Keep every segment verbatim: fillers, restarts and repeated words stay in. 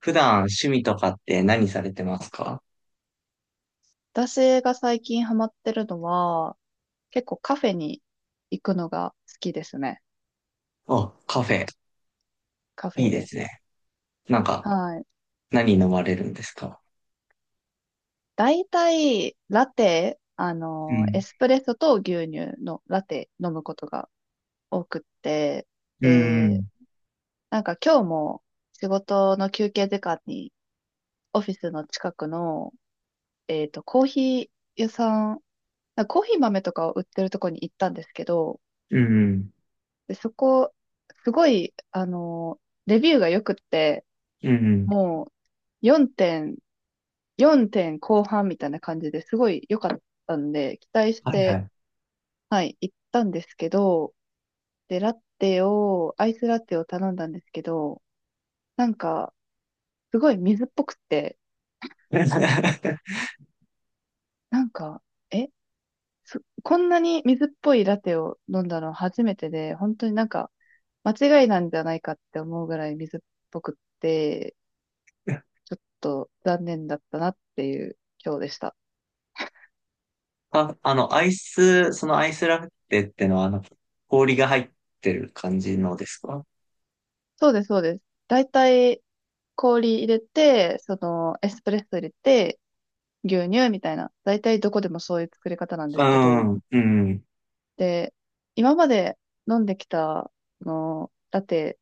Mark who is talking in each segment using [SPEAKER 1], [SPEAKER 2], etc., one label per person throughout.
[SPEAKER 1] 普段趣味とかって何されてますか？
[SPEAKER 2] 私が最近ハマってるのは、結構カフェに行くのが好きですね。
[SPEAKER 1] あ、カフェ。
[SPEAKER 2] カフ
[SPEAKER 1] い
[SPEAKER 2] ェ
[SPEAKER 1] いで
[SPEAKER 2] で
[SPEAKER 1] す
[SPEAKER 2] す。
[SPEAKER 1] ね。なんか、
[SPEAKER 2] はい。
[SPEAKER 1] 何飲まれるんですか？
[SPEAKER 2] 大体、ラテ、あ
[SPEAKER 1] う
[SPEAKER 2] の、エ
[SPEAKER 1] ん。
[SPEAKER 2] スプレッソと牛乳のラテ飲むことが多くって、
[SPEAKER 1] う
[SPEAKER 2] で、
[SPEAKER 1] ん。
[SPEAKER 2] なんか今日も仕事の休憩時間にオフィスの近くの、えっと、コーヒー屋さん、なんかコーヒー豆とかを売ってるとこに行ったんですけど、
[SPEAKER 1] うん。
[SPEAKER 2] で、そこ、すごい、あの、レビューが良くって、
[SPEAKER 1] うん。
[SPEAKER 2] もうよんてん、4点後半みたいな感じですごい良かったんで、期待し
[SPEAKER 1] はいは
[SPEAKER 2] て、
[SPEAKER 1] い。
[SPEAKER 2] はい、行ったんですけど、で、ラテを、アイスラテを頼んだんですけど、なんか、すごい水っぽくて、なんか、え、そこんなに水っぽいラテを飲んだの初めてで、本当になんか、間違いなんじゃないかって思うぐらい水っぽくって、ちょっと残念だったなっていう今日でした。
[SPEAKER 1] あ、あの、アイス、そのアイスラフテってのは、あの、氷が入ってる感じのですか？
[SPEAKER 2] そうです、そうです。大体、氷入れて、その、エスプレッソ入れて、牛乳みたいな。大体どこでもそういう作り方なんで
[SPEAKER 1] う
[SPEAKER 2] すけど、
[SPEAKER 1] ん。うん。
[SPEAKER 2] で、今まで飲んできた、あの、ラテ、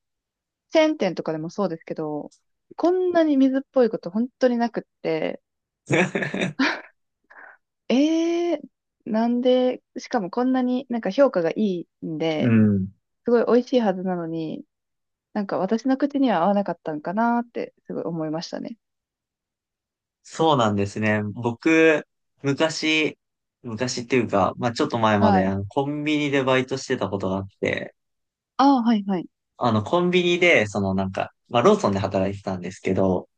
[SPEAKER 2] チェーン店とかでもそうですけど、こんなに水っぽいこと本当になくって、えー、なんで、しかもこんなになんか評価がいいん
[SPEAKER 1] う
[SPEAKER 2] で、
[SPEAKER 1] ん。
[SPEAKER 2] すごい美味しいはずなのに、なんか私の口には合わなかったんかなーってすごい思いましたね。
[SPEAKER 1] そうなんですね。僕、昔、昔っていうか、まあ、ちょっと前ま
[SPEAKER 2] は
[SPEAKER 1] で、
[SPEAKER 2] い。
[SPEAKER 1] あの、コンビニでバイトしてたことがあって、
[SPEAKER 2] ああ、はいはい。
[SPEAKER 1] あの、コンビニで、そのなんか、まあ、ローソンで働いてたんですけど、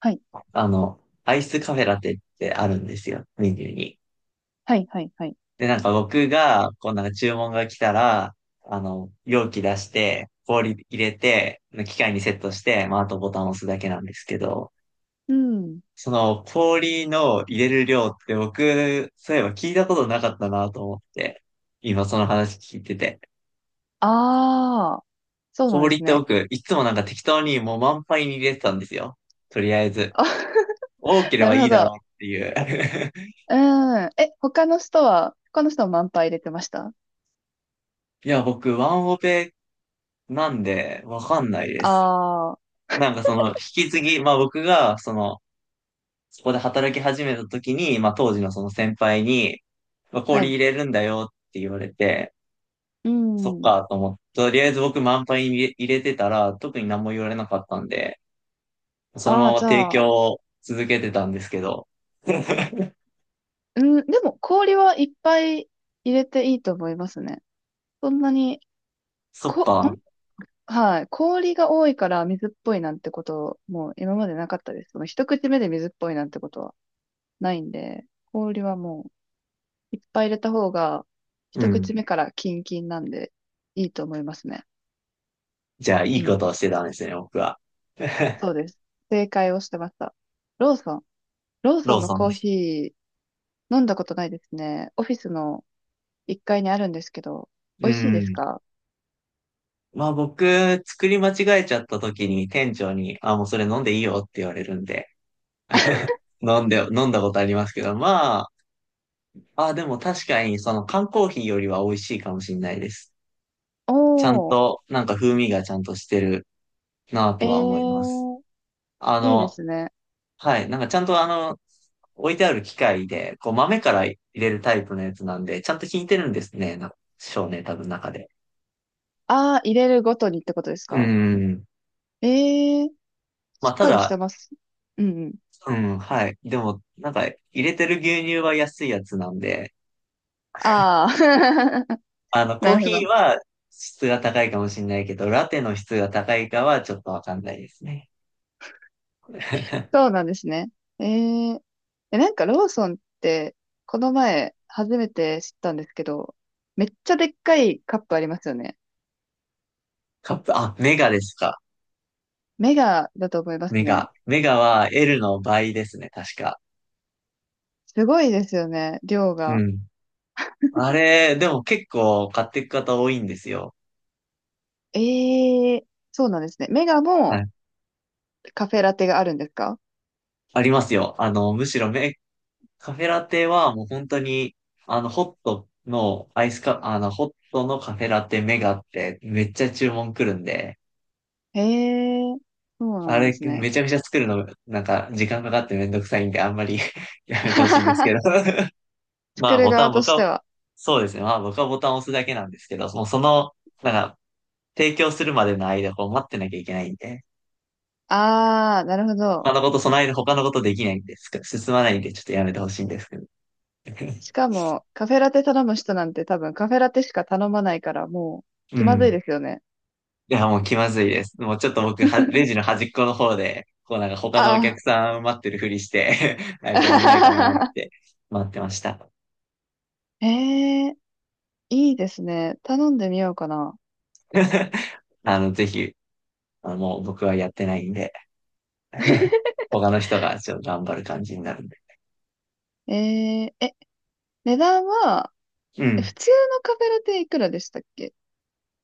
[SPEAKER 2] はい。
[SPEAKER 1] あの、アイスカフェラテってあるんですよ、メニューに。
[SPEAKER 2] はいはいはい。
[SPEAKER 1] で、なんか僕が、こうなんか注文が来たら、あの、容器出して、氷入れて、機械にセットして、まあ、あとボタンを押すだけなんですけど、
[SPEAKER 2] うん。
[SPEAKER 1] その氷の入れる量って僕、そういえば聞いたことなかったなと思って、今その話聞いてて。
[SPEAKER 2] ああ、そうなんで
[SPEAKER 1] 氷っ
[SPEAKER 2] す
[SPEAKER 1] て
[SPEAKER 2] ね。
[SPEAKER 1] 僕、いつもなんか適当にもう満杯に入れてたんですよ。とりあえず。
[SPEAKER 2] あ
[SPEAKER 1] 多けれ
[SPEAKER 2] な
[SPEAKER 1] ば
[SPEAKER 2] る
[SPEAKER 1] い
[SPEAKER 2] ほ
[SPEAKER 1] いだ
[SPEAKER 2] ど。
[SPEAKER 1] ろうっていう。
[SPEAKER 2] うん。え、他の人は、他の人は満杯入れてました？
[SPEAKER 1] いや、僕、ワンオペなんで、わかんないで
[SPEAKER 2] あ
[SPEAKER 1] す。
[SPEAKER 2] あー、
[SPEAKER 1] なんかその、引き継ぎ、まあ僕が、その、そこで働き始めた時に、まあ当時のその先輩に、まあ、
[SPEAKER 2] は
[SPEAKER 1] 氷
[SPEAKER 2] い。
[SPEAKER 1] 入れるんだよって言われて、
[SPEAKER 2] う
[SPEAKER 1] そっ
[SPEAKER 2] ん。
[SPEAKER 1] かと思って、とりあえず僕満杯に入れ入れてたら、特に何も言われなかったんで、その
[SPEAKER 2] ああ、
[SPEAKER 1] まま
[SPEAKER 2] じ
[SPEAKER 1] 提
[SPEAKER 2] ゃ
[SPEAKER 1] 供
[SPEAKER 2] あ、
[SPEAKER 1] を続けてたんですけど、
[SPEAKER 2] うん、でも氷はいっぱい入れていいと思いますね。そんなに、
[SPEAKER 1] そっ
[SPEAKER 2] こ、ほん、
[SPEAKER 1] か、
[SPEAKER 2] はい。氷が多いから水っぽいなんてこと、もう今までなかったです。その一口目で水っぽいなんてことはないんで、氷はもういっぱい入れた方が、
[SPEAKER 1] う
[SPEAKER 2] 一
[SPEAKER 1] ん。
[SPEAKER 2] 口目からキンキンなんでいいと思いますね。
[SPEAKER 1] じゃあ、い
[SPEAKER 2] う
[SPEAKER 1] い
[SPEAKER 2] ん。
[SPEAKER 1] ことをしてたんですね、僕は。
[SPEAKER 2] そ うです。正解をしてました。ローソン。ローソ
[SPEAKER 1] ロ
[SPEAKER 2] ン
[SPEAKER 1] ー
[SPEAKER 2] の
[SPEAKER 1] ソン
[SPEAKER 2] コ
[SPEAKER 1] で
[SPEAKER 2] ー
[SPEAKER 1] す。
[SPEAKER 2] ヒー飲んだことないですね。オフィスのいっかいにあるんですけど、
[SPEAKER 1] う
[SPEAKER 2] 美味しいです
[SPEAKER 1] ん。
[SPEAKER 2] か？
[SPEAKER 1] まあ僕、作り間違えちゃった時に店長に、あ、もうそれ飲んでいいよって言われるんで、飲んで、飲んだことありますけど、まあ、あ、でも確かにその缶コーヒーよりは美味しいかもしれないです。
[SPEAKER 2] お
[SPEAKER 1] ちゃん
[SPEAKER 2] ー、
[SPEAKER 1] と、なんか風味がちゃんとしてるなぁと
[SPEAKER 2] え
[SPEAKER 1] は思います。
[SPEAKER 2] ー、
[SPEAKER 1] あ
[SPEAKER 2] いいで
[SPEAKER 1] の、
[SPEAKER 2] すね。
[SPEAKER 1] はい、なんかちゃんとあの、置いてある機械で、こう豆から入れるタイプのやつなんで、ちゃんと引いてるんですね、な少年多分中で。
[SPEAKER 2] あー、入れるごとにってことです
[SPEAKER 1] う
[SPEAKER 2] か？
[SPEAKER 1] ん。
[SPEAKER 2] えー、
[SPEAKER 1] ま
[SPEAKER 2] し
[SPEAKER 1] あ、
[SPEAKER 2] っ
[SPEAKER 1] た
[SPEAKER 2] かりして
[SPEAKER 1] だ、
[SPEAKER 2] ます。うんうん。
[SPEAKER 1] うん、はい。でも、なんか、入れてる牛乳は安いやつなんで、
[SPEAKER 2] あー、
[SPEAKER 1] あの、コ
[SPEAKER 2] な
[SPEAKER 1] ー
[SPEAKER 2] るほど。
[SPEAKER 1] ヒーは質が高いかもしれないけど、ラテの質が高いかはちょっとわかんないですね。
[SPEAKER 2] そうなんですね。えー、え、なんかローソンって、この前初めて知ったんですけど、めっちゃでっかいカップありますよね。
[SPEAKER 1] カップ、あ、メガですか。
[SPEAKER 2] メガだと思いま
[SPEAKER 1] メ
[SPEAKER 2] すね。
[SPEAKER 1] ガ。メガは エルのばいですね、確か。
[SPEAKER 2] すごいですよね、量
[SPEAKER 1] う
[SPEAKER 2] が。
[SPEAKER 1] ん。あれ、でも結構買っていく方多いんですよ。
[SPEAKER 2] ええ、そうなんですね。メガ
[SPEAKER 1] は
[SPEAKER 2] も
[SPEAKER 1] い。
[SPEAKER 2] カフェラテがあるんですか？
[SPEAKER 1] ありますよ。あの、むしろメ、カフェラテはもう本当に、あの、ホットのアイスカ、あの、ホットのカフェラテメガってめっちゃ注文来るんで、
[SPEAKER 2] ええ、そうな
[SPEAKER 1] あ
[SPEAKER 2] んで
[SPEAKER 1] れ、
[SPEAKER 2] すね。
[SPEAKER 1] めちゃめちゃ作るの、なんか、時間かかってめんどくさいんで、あんまり やめてほしいんですけ ど。ま
[SPEAKER 2] 作
[SPEAKER 1] あ、
[SPEAKER 2] る
[SPEAKER 1] ボタ
[SPEAKER 2] 側
[SPEAKER 1] ン、
[SPEAKER 2] と
[SPEAKER 1] 僕
[SPEAKER 2] して
[SPEAKER 1] は、
[SPEAKER 2] は。
[SPEAKER 1] そうですね。まあ、僕はボタンを押すだけなんですけど、もうその、なんか、提供するまでの間、こう、待ってなきゃいけないんで、
[SPEAKER 2] ああ、なるほど。
[SPEAKER 1] 他のこと、その間、他のことできないんです。進まないんで、ちょっとやめてほしいんですけど。
[SPEAKER 2] し かも、カフェラテ頼む人なんて多分カフェラテしか頼まないからもう
[SPEAKER 1] う
[SPEAKER 2] 気まずい
[SPEAKER 1] ん。
[SPEAKER 2] ですよね。
[SPEAKER 1] いや、もう気まずいです。もうちょっと僕、は、レジの端っこの方で、こうなんか他のお客
[SPEAKER 2] あ
[SPEAKER 1] さん待ってるふりして なんかご案内かなっ
[SPEAKER 2] あ。
[SPEAKER 1] て待ってました。
[SPEAKER 2] ええ、いいですね。頼んでみようかな。
[SPEAKER 1] あの、ぜひあのもう僕はやってないんで、他の人がちょっと頑張る感じになるんで。
[SPEAKER 2] えええ、値段は、
[SPEAKER 1] う
[SPEAKER 2] え普
[SPEAKER 1] ん。
[SPEAKER 2] 通のカフェラテいくらでしたっけ？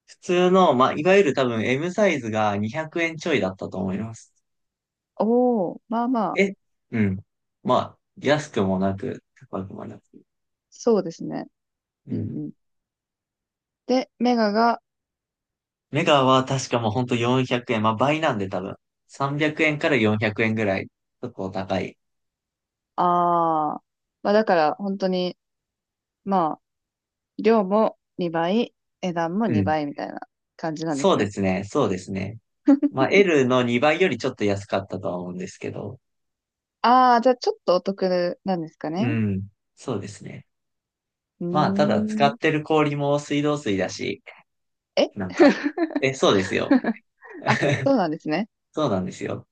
[SPEAKER 1] 普通の、まあ、いわゆる多分 エムサイズがにひゃくえんちょいだったと思います。
[SPEAKER 2] おおー、まあまあ、
[SPEAKER 1] え、うん。まあ、安くもなく、高くもなく。
[SPEAKER 2] そうですね。
[SPEAKER 1] う
[SPEAKER 2] うん
[SPEAKER 1] ん。
[SPEAKER 2] うん。で、メガが、
[SPEAKER 1] メガは確かもうほんとよんひゃくえん。まあ、倍なんで多分。さんびゃくえんからよんひゃくえんぐらい。結構高い。
[SPEAKER 2] ああ、まあだから本当に、まあ、量もにばい、値段も
[SPEAKER 1] うん。
[SPEAKER 2] にばいみたいな感じなんで
[SPEAKER 1] そ
[SPEAKER 2] す
[SPEAKER 1] うで
[SPEAKER 2] ね。
[SPEAKER 1] すね。そうですね。まあ、L のにばいよりちょっと安かったとは思うんですけど。
[SPEAKER 2] ああ、じゃあちょっとお得なんですか
[SPEAKER 1] う
[SPEAKER 2] ね。
[SPEAKER 1] ん。そうですね。
[SPEAKER 2] うー
[SPEAKER 1] まあ、ただ使っ
[SPEAKER 2] ん。
[SPEAKER 1] てる氷も水道水だし、
[SPEAKER 2] え
[SPEAKER 1] なんか、え、そうですよ。
[SPEAKER 2] あ、そうなんですね。
[SPEAKER 1] そうなんですよ。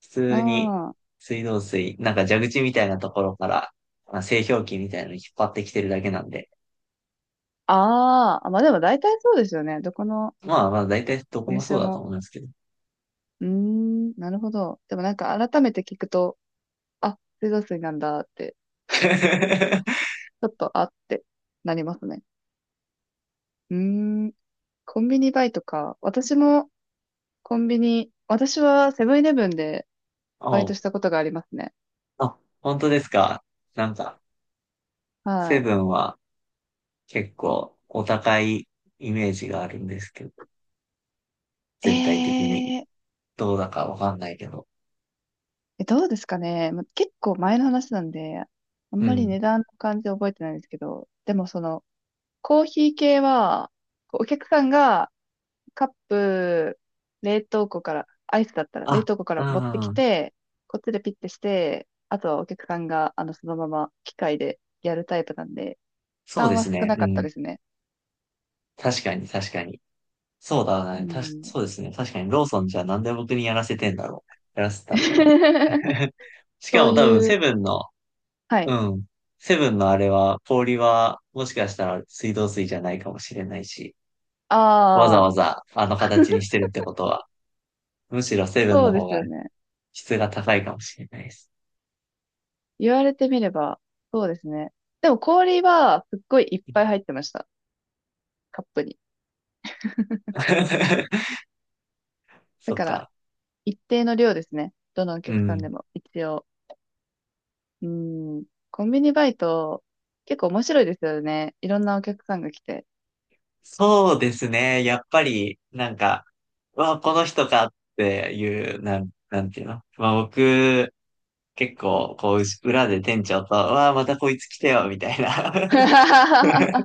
[SPEAKER 1] 普
[SPEAKER 2] あ
[SPEAKER 1] 通に
[SPEAKER 2] あ、
[SPEAKER 1] 水道水、なんか蛇口みたいなところから、まあ、製氷機みたいなのに引っ張ってきてるだけなんで。
[SPEAKER 2] あーあ、まあでも大体そうですよね。どこの
[SPEAKER 1] まあまあ、大体どこ
[SPEAKER 2] お
[SPEAKER 1] もそ
[SPEAKER 2] 店
[SPEAKER 1] うだと
[SPEAKER 2] も。
[SPEAKER 1] 思いますけど。
[SPEAKER 2] うーん、なるほど。でもなんか改めて聞くと、あ、水道水なんだって、ちょっとあってなりますね。うーん、コンビニバイトか。私もコンビニ、私はセブンイレブンでバイト
[SPEAKER 1] お、
[SPEAKER 2] したことがありますね。
[SPEAKER 1] あ、本当ですか。なんか、セ
[SPEAKER 2] は
[SPEAKER 1] ブンは結構お高いイメージがあるんですけど、
[SPEAKER 2] い。
[SPEAKER 1] 全体的に
[SPEAKER 2] えー、
[SPEAKER 1] どうだかわかんないけど。
[SPEAKER 2] えどうですかね。ま結構前の話なんで、あん
[SPEAKER 1] う
[SPEAKER 2] まり
[SPEAKER 1] ん。
[SPEAKER 2] 値段の感じ覚えてないんですけど、でもその、コーヒー系は、こうお客さんがカップ、冷凍庫から、アイスだったら冷
[SPEAKER 1] あ、
[SPEAKER 2] 凍庫か
[SPEAKER 1] う
[SPEAKER 2] ら持ってき
[SPEAKER 1] ん、
[SPEAKER 2] て、こっちでピッてして、あとはお客さんが、あの、そのまま機械でやるタイプなんで、負
[SPEAKER 1] そう
[SPEAKER 2] 担
[SPEAKER 1] で
[SPEAKER 2] は
[SPEAKER 1] す
[SPEAKER 2] 少
[SPEAKER 1] ね。
[SPEAKER 2] な
[SPEAKER 1] う
[SPEAKER 2] かった
[SPEAKER 1] ん。
[SPEAKER 2] ですね。
[SPEAKER 1] 確かに、確かに。そうだ
[SPEAKER 2] う
[SPEAKER 1] ね。たし、
[SPEAKER 2] ん。
[SPEAKER 1] そうですね。確かに、ローソンじゃなんで僕にやらせてんだろうね。やらせたんだろう。しか
[SPEAKER 2] そう
[SPEAKER 1] も多分、
[SPEAKER 2] い
[SPEAKER 1] セ
[SPEAKER 2] う、
[SPEAKER 1] ブンの、
[SPEAKER 2] は
[SPEAKER 1] う
[SPEAKER 2] い。
[SPEAKER 1] ん。セブンのあれは、氷は、もしかしたら水道水じゃないかもしれないし、わざ
[SPEAKER 2] あ
[SPEAKER 1] わ
[SPEAKER 2] あ、
[SPEAKER 1] ざあの形にしてるってことは、むしろセブン
[SPEAKER 2] そう
[SPEAKER 1] の
[SPEAKER 2] で
[SPEAKER 1] 方
[SPEAKER 2] す
[SPEAKER 1] が
[SPEAKER 2] よね。
[SPEAKER 1] 質が高いかもしれないです。
[SPEAKER 2] 言われてみれば、そうですね。でも氷はすっごいいっぱい入ってました。カップに。だ
[SPEAKER 1] そっ
[SPEAKER 2] から、
[SPEAKER 1] か。
[SPEAKER 2] 一定の量ですね。どのお
[SPEAKER 1] う
[SPEAKER 2] 客さん
[SPEAKER 1] ん。
[SPEAKER 2] でも、一応。うん。コンビニバイト、結構面白いですよね。いろんなお客さんが来て。
[SPEAKER 1] そうですね。やっぱり、なんか、うわ、この人かっていう、なん、なんていうの。まあ僕、結構、こう、うし裏で店長と、うわ、またこいつ来てよ、みたいな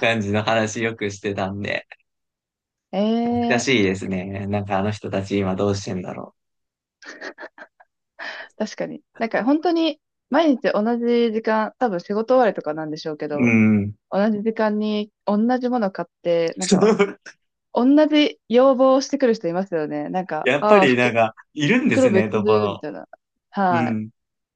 [SPEAKER 1] 感じの話よくしてたんで、
[SPEAKER 2] え
[SPEAKER 1] 懐か
[SPEAKER 2] えー、
[SPEAKER 1] しいですね。なんかあの人たち今どうしてんだろ
[SPEAKER 2] 確かに。なんか本当に、毎日同じ時間、多分仕事終わりとかなんでしょうけ
[SPEAKER 1] う。う
[SPEAKER 2] ど、
[SPEAKER 1] ん。
[SPEAKER 2] 同じ時間に同じもの買って、なんか、同じ要望をしてくる人いますよね。なんか、
[SPEAKER 1] やっぱ
[SPEAKER 2] ああ、
[SPEAKER 1] りなん
[SPEAKER 2] 服、
[SPEAKER 1] か、いるんで
[SPEAKER 2] 袋
[SPEAKER 1] すね、
[SPEAKER 2] 別
[SPEAKER 1] どこ
[SPEAKER 2] で、み
[SPEAKER 1] の。
[SPEAKER 2] たいな。
[SPEAKER 1] う
[SPEAKER 2] は
[SPEAKER 1] ん。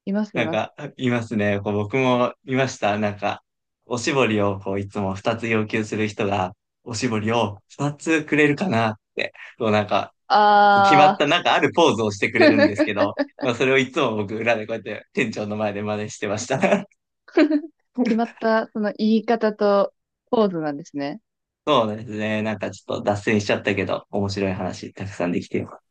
[SPEAKER 2] い。います、い
[SPEAKER 1] なん
[SPEAKER 2] ます。
[SPEAKER 1] か、いますね。こう僕もいました。なんか、おしぼりをこういつもふたつ要求する人が、おしぼりをふたつくれるかなって、こうなんか、決まっ
[SPEAKER 2] あ
[SPEAKER 1] たなんかあるポーズをしてく
[SPEAKER 2] あ、
[SPEAKER 1] れるんですけ ど、まあそれをいつも僕裏でこうやって店長の前で真似してました。
[SPEAKER 2] 決まった、その言い方とポーズなんですね。
[SPEAKER 1] そうですね。なんかちょっと脱線しちゃったけど、面白い話たくさんできてよ